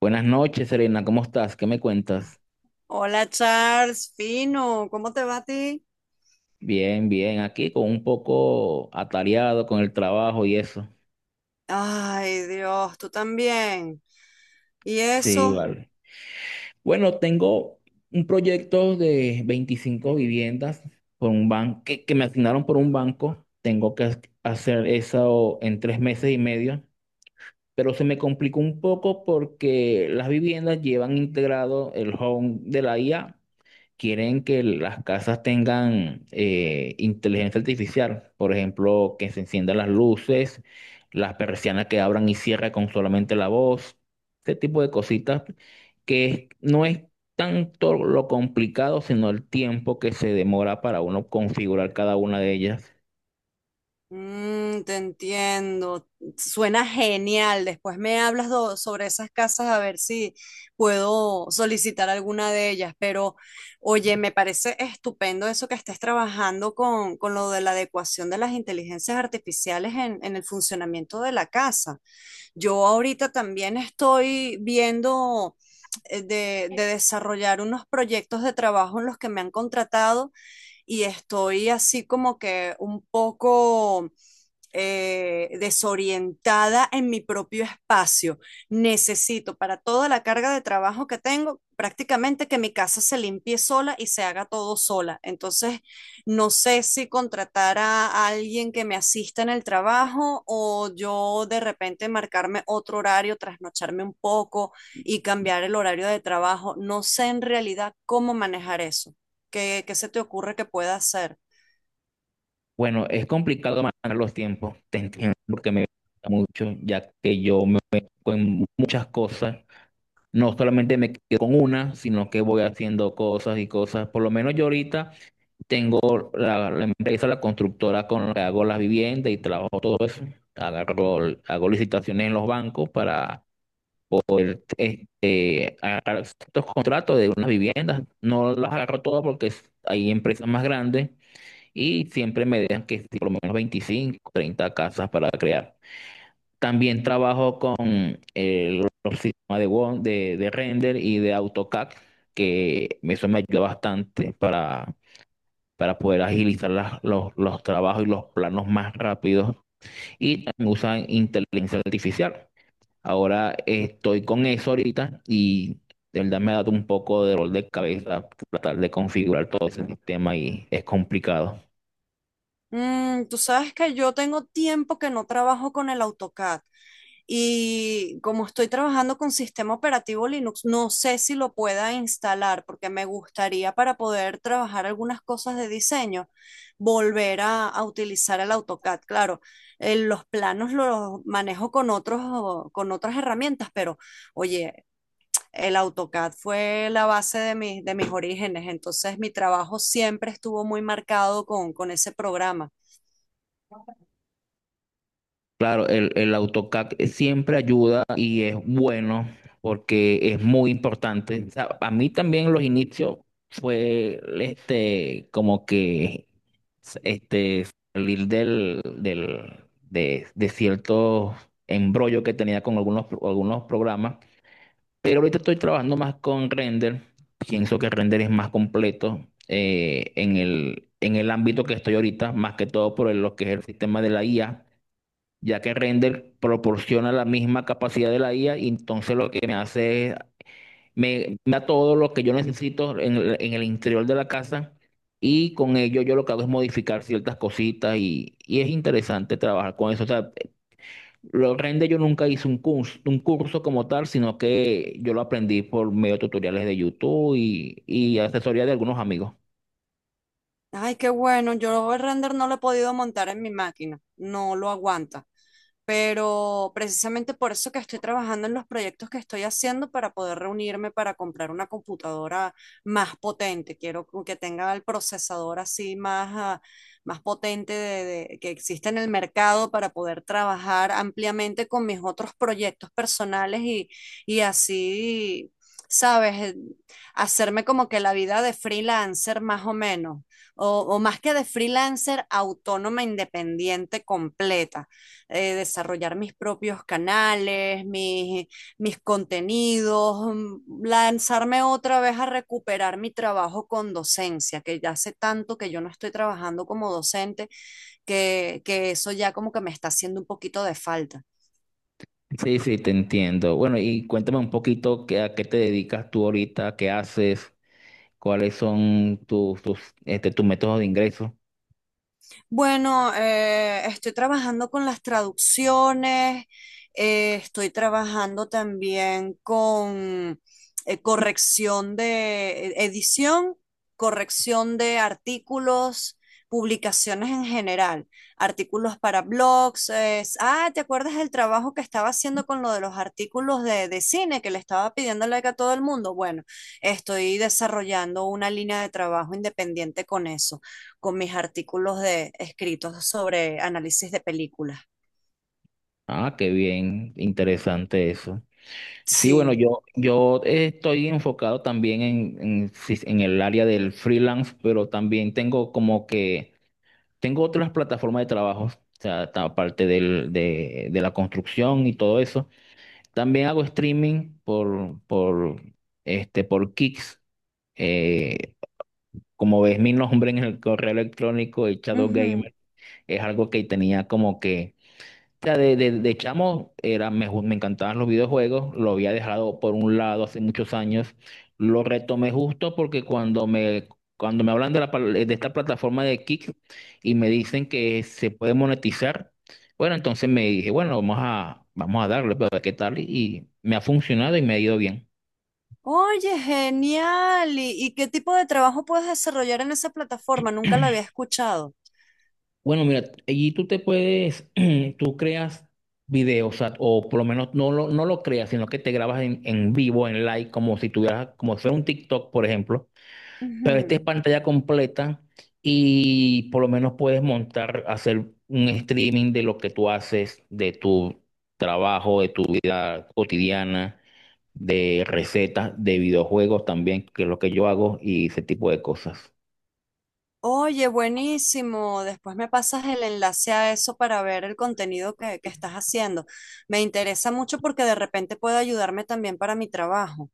Buenas noches, Serena, ¿cómo estás? ¿Qué me cuentas? Hola Charles, fino, ¿cómo te va a ti? Bien, bien, aquí con un poco atareado con el trabajo y eso. Ay, Dios, tú también. ¿Y Sí, eso? vale. Bueno, tengo un proyecto de 25 viviendas por un banco que me asignaron por un banco. Tengo que hacer eso en 3 meses y medio, pero se me complicó un poco porque las viviendas llevan integrado el home de la IA. Quieren que las casas tengan inteligencia artificial, por ejemplo, que se enciendan las luces, las persianas que abran y cierran con solamente la voz, ese tipo de cositas no es tanto lo complicado, sino el tiempo que se demora para uno configurar cada una de ellas. Mm, te entiendo. Suena genial. Después me hablas sobre esas casas a ver si puedo solicitar alguna de ellas. Pero, oye, me parece estupendo eso que estés trabajando con lo de la adecuación de las inteligencias artificiales en el funcionamiento de la casa. Yo ahorita también estoy viendo de desarrollar unos proyectos de trabajo en los que me han contratado y estoy así como que un poco desorientada en mi propio espacio. Necesito para toda la carga de trabajo que tengo, prácticamente que mi casa se limpie sola y se haga todo sola. Entonces, no sé si contratar a alguien que me asista en el trabajo o yo de repente marcarme otro horario, trasnocharme un poco y cambiar el horario de trabajo. No sé en realidad cómo manejar eso. ¿Qué se te ocurre que pueda hacer? Bueno, es complicado manejar los tiempos, te entiendo, porque me gusta mucho, ya que yo me meto en muchas cosas. No solamente me quedo con una, sino que voy haciendo cosas y cosas. Por lo menos yo ahorita tengo la empresa, la constructora con la que hago las viviendas y trabajo todo eso. Agarro, hago licitaciones en los bancos para poder este, agarrar estos contratos de unas viviendas. No las agarro todas hay empresas más grandes y siempre me dejan que si por lo menos 25 30 casas para crear. También trabajo con los sistemas de Word, de render y de AutoCAD, que eso me ayuda bastante para poder agilizar los trabajos y los planos más rápidos. Y también usan inteligencia artificial. Ahora estoy con eso ahorita y de verdad me ha dado un poco de dolor de cabeza tratar de configurar todo ese sistema y es complicado. "Mm, tú sabes que yo tengo tiempo que no trabajo con el AutoCAD y como estoy trabajando con sistema operativo Linux, no sé si lo pueda instalar porque me gustaría para poder trabajar algunas cosas de diseño, volver a utilizar el AutoCAD. Claro, los planos los manejo con otros, con otras herramientas, pero oye, el AutoCAD fue la base de, de mis orígenes, entonces mi trabajo siempre estuvo muy marcado con ese programa. Claro, el AutoCAD siempre ayuda y es bueno porque es muy importante. O sea, a mí también los inicios fue este como que este salir del de cierto embrollo que tenía con algunos algunos programas, pero ahorita estoy trabajando más con Render. Pienso que Render es más completo, en el ámbito que estoy ahorita, más que todo por lo que es el sistema de la IA, ya que Render proporciona la misma capacidad de la IA, y entonces lo que me hace es, me da todo lo que yo necesito en en el interior de la casa, y con ello yo lo que hago es modificar ciertas cositas y es interesante trabajar con eso. O sea, lo Render yo nunca hice un curso como tal, sino que yo lo aprendí por medio de tutoriales de YouTube y asesoría de algunos amigos. Ay, qué bueno. Yo el render no lo he podido montar en mi máquina. No lo aguanta. Pero precisamente por eso que estoy trabajando en los proyectos que estoy haciendo para poder reunirme para comprar una computadora más potente. Quiero como que tenga el procesador así más, más potente que existe en el mercado para poder trabajar ampliamente con mis otros proyectos personales y así, ¿sabes? Hacerme como que la vida de freelancer más o menos o más que de freelancer, autónoma, independiente, completa. Desarrollar mis propios canales, mis contenidos, lanzarme otra vez a recuperar mi trabajo con docencia, que ya hace tanto que yo no estoy trabajando como docente, que eso ya como que me está haciendo un poquito de falta. Sí, sí, te entiendo. Bueno, y cuéntame un poquito qué, a qué te dedicas tú ahorita, qué haces, cuáles son tus, tus, este, tus métodos de ingreso. Bueno, estoy trabajando con las traducciones, estoy trabajando también con corrección de edición, corrección de artículos, publicaciones en general, artículos para blogs. ¿Te acuerdas del trabajo que estaba haciendo con lo de los artículos de cine que le estaba pidiendo like a todo el mundo? Bueno, estoy desarrollando una línea de trabajo independiente con eso con mis artículos de escritos sobre análisis de películas. Ah, qué bien, interesante eso. Sí, bueno, Sí. yo estoy enfocado también en, sí, en el área del freelance, pero también tengo como que, tengo otras plataformas de trabajo, o sea, aparte del, de la construcción y todo eso. También hago streaming por, este, por Kicks. Eh, Como ves mi nombre en el correo electrónico, el Shadow Ujú. Gamer, es algo que tenía como que. O sea, de chamo era, me, me encantaban los videojuegos, lo había dejado por un lado hace muchos años, lo retomé justo porque cuando me hablan de, la, de esta plataforma de Kick y me dicen que se puede monetizar, bueno, entonces me dije, bueno, vamos a darle, pero a ver qué tal, y me ha funcionado y me ha ido bien. Oye, genial. ¿Y qué tipo de trabajo puedes desarrollar en esa plataforma? Nunca lo había escuchado. Bueno, mira, allí tú te puedes, tú creas videos, o sea, o por lo menos no lo creas, sino que te grabas en vivo, en live, como si tuvieras, como si fuera un TikTok, por ejemplo, pero este Ujú. es pantalla completa y por lo menos puedes montar, hacer un streaming de lo que tú haces, de tu trabajo, de tu vida cotidiana, de recetas, de videojuegos también, que es lo que yo hago y ese tipo de cosas. Oye, buenísimo. Después me pasas el enlace a eso para ver el contenido que estás haciendo. Me interesa mucho porque de repente puede ayudarme también para mi trabajo.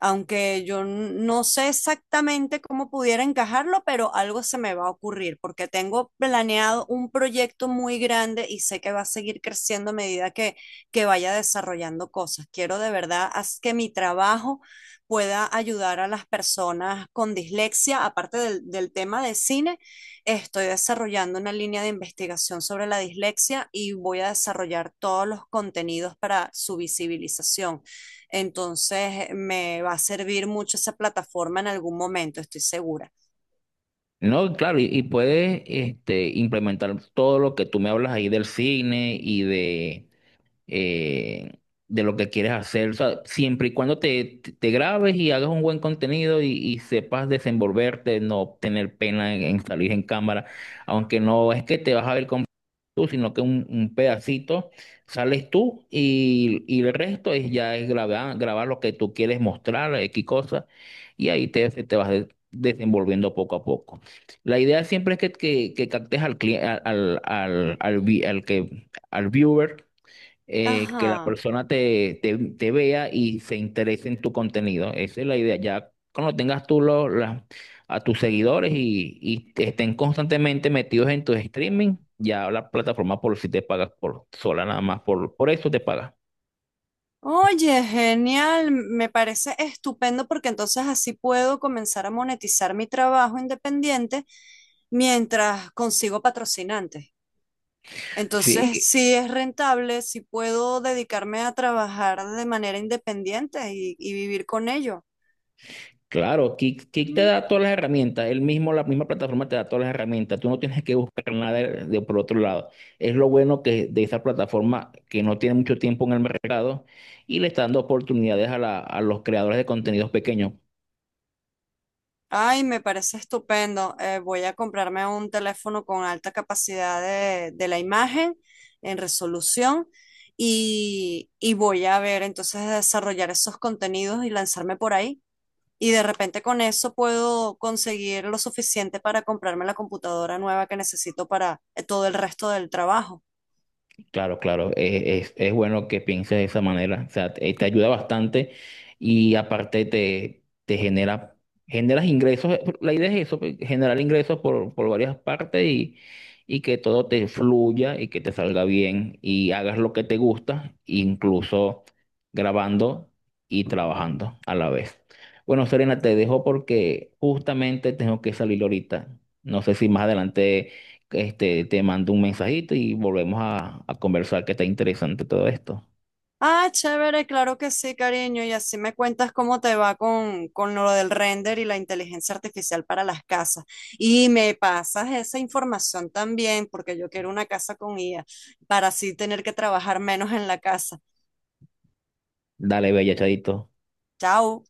Aunque yo no sé exactamente cómo pudiera encajarlo, pero algo se me va a ocurrir, porque tengo planeado un proyecto muy grande y sé que va a seguir creciendo a medida que vaya desarrollando cosas. Quiero de verdad haz que mi trabajo pueda ayudar a las personas con dislexia, aparte del tema de cine, estoy desarrollando una línea de investigación sobre la dislexia y voy a desarrollar todos los contenidos para su visibilización. Entonces me va a servir mucho esa plataforma en algún momento, estoy segura. No, claro, y puedes este, implementar todo lo que tú me hablas ahí del cine y eh, de lo que quieres hacer. O sea, siempre y cuando te grabes y hagas un buen contenido y sepas desenvolverte, no tener pena en salir en cámara, aunque no es que te vas a ver con tú, sino que un pedacito sales tú y el resto es ya es grabar, grabar lo que tú quieres mostrar, X cosa, y ahí te, te vas desenvolviendo poco a poco. La idea siempre es que captes al, al, al, al al viewer, que la Ajá. persona te, te, te vea y se interese en tu contenido. Esa es la idea. Ya cuando tengas tú a tus seguidores y te estén constantemente metidos en tus streaming, ya la plataforma por si te pagas por sola nada más, por eso te paga. Oye, genial, me parece estupendo porque entonces así puedo comenzar a monetizar mi trabajo independiente mientras consigo patrocinantes. Entonces, Sí, si es rentable, si puedo dedicarme a trabajar de manera independiente y vivir con ello. claro, Kick te da todas las herramientas, él mismo, la misma plataforma te da todas las herramientas, tú no tienes que buscar nada de, de por otro lado. Es lo bueno que de esa plataforma, que no tiene mucho tiempo en el mercado y le está dando oportunidades a los creadores de contenidos pequeños. Ay, me parece estupendo. Voy a comprarme un teléfono con alta capacidad de la imagen en resolución y voy a ver entonces de desarrollar esos contenidos y lanzarme por ahí. Y de repente con eso puedo conseguir lo suficiente para comprarme la computadora nueva que necesito para todo el resto del trabajo. Claro, claro, es bueno que pienses de esa manera, o sea, te ayuda bastante y aparte te, generas ingresos, la idea es eso, pues, generar ingresos por varias partes y que todo te fluya y que te salga bien y hagas lo que te gusta, incluso grabando y trabajando a la vez. Bueno, Serena, te dejo porque justamente tengo que salir ahorita, no sé si más adelante este, te mando un mensajito y volvemos a conversar, que está interesante todo esto. Ah, chévere, claro que sí, cariño. Y así me cuentas cómo te va con lo del render y la inteligencia artificial para las casas. Y me pasas esa información también, porque yo quiero una casa con IA, para así tener que trabajar menos en la casa. Dale, bella, chadito. Chao.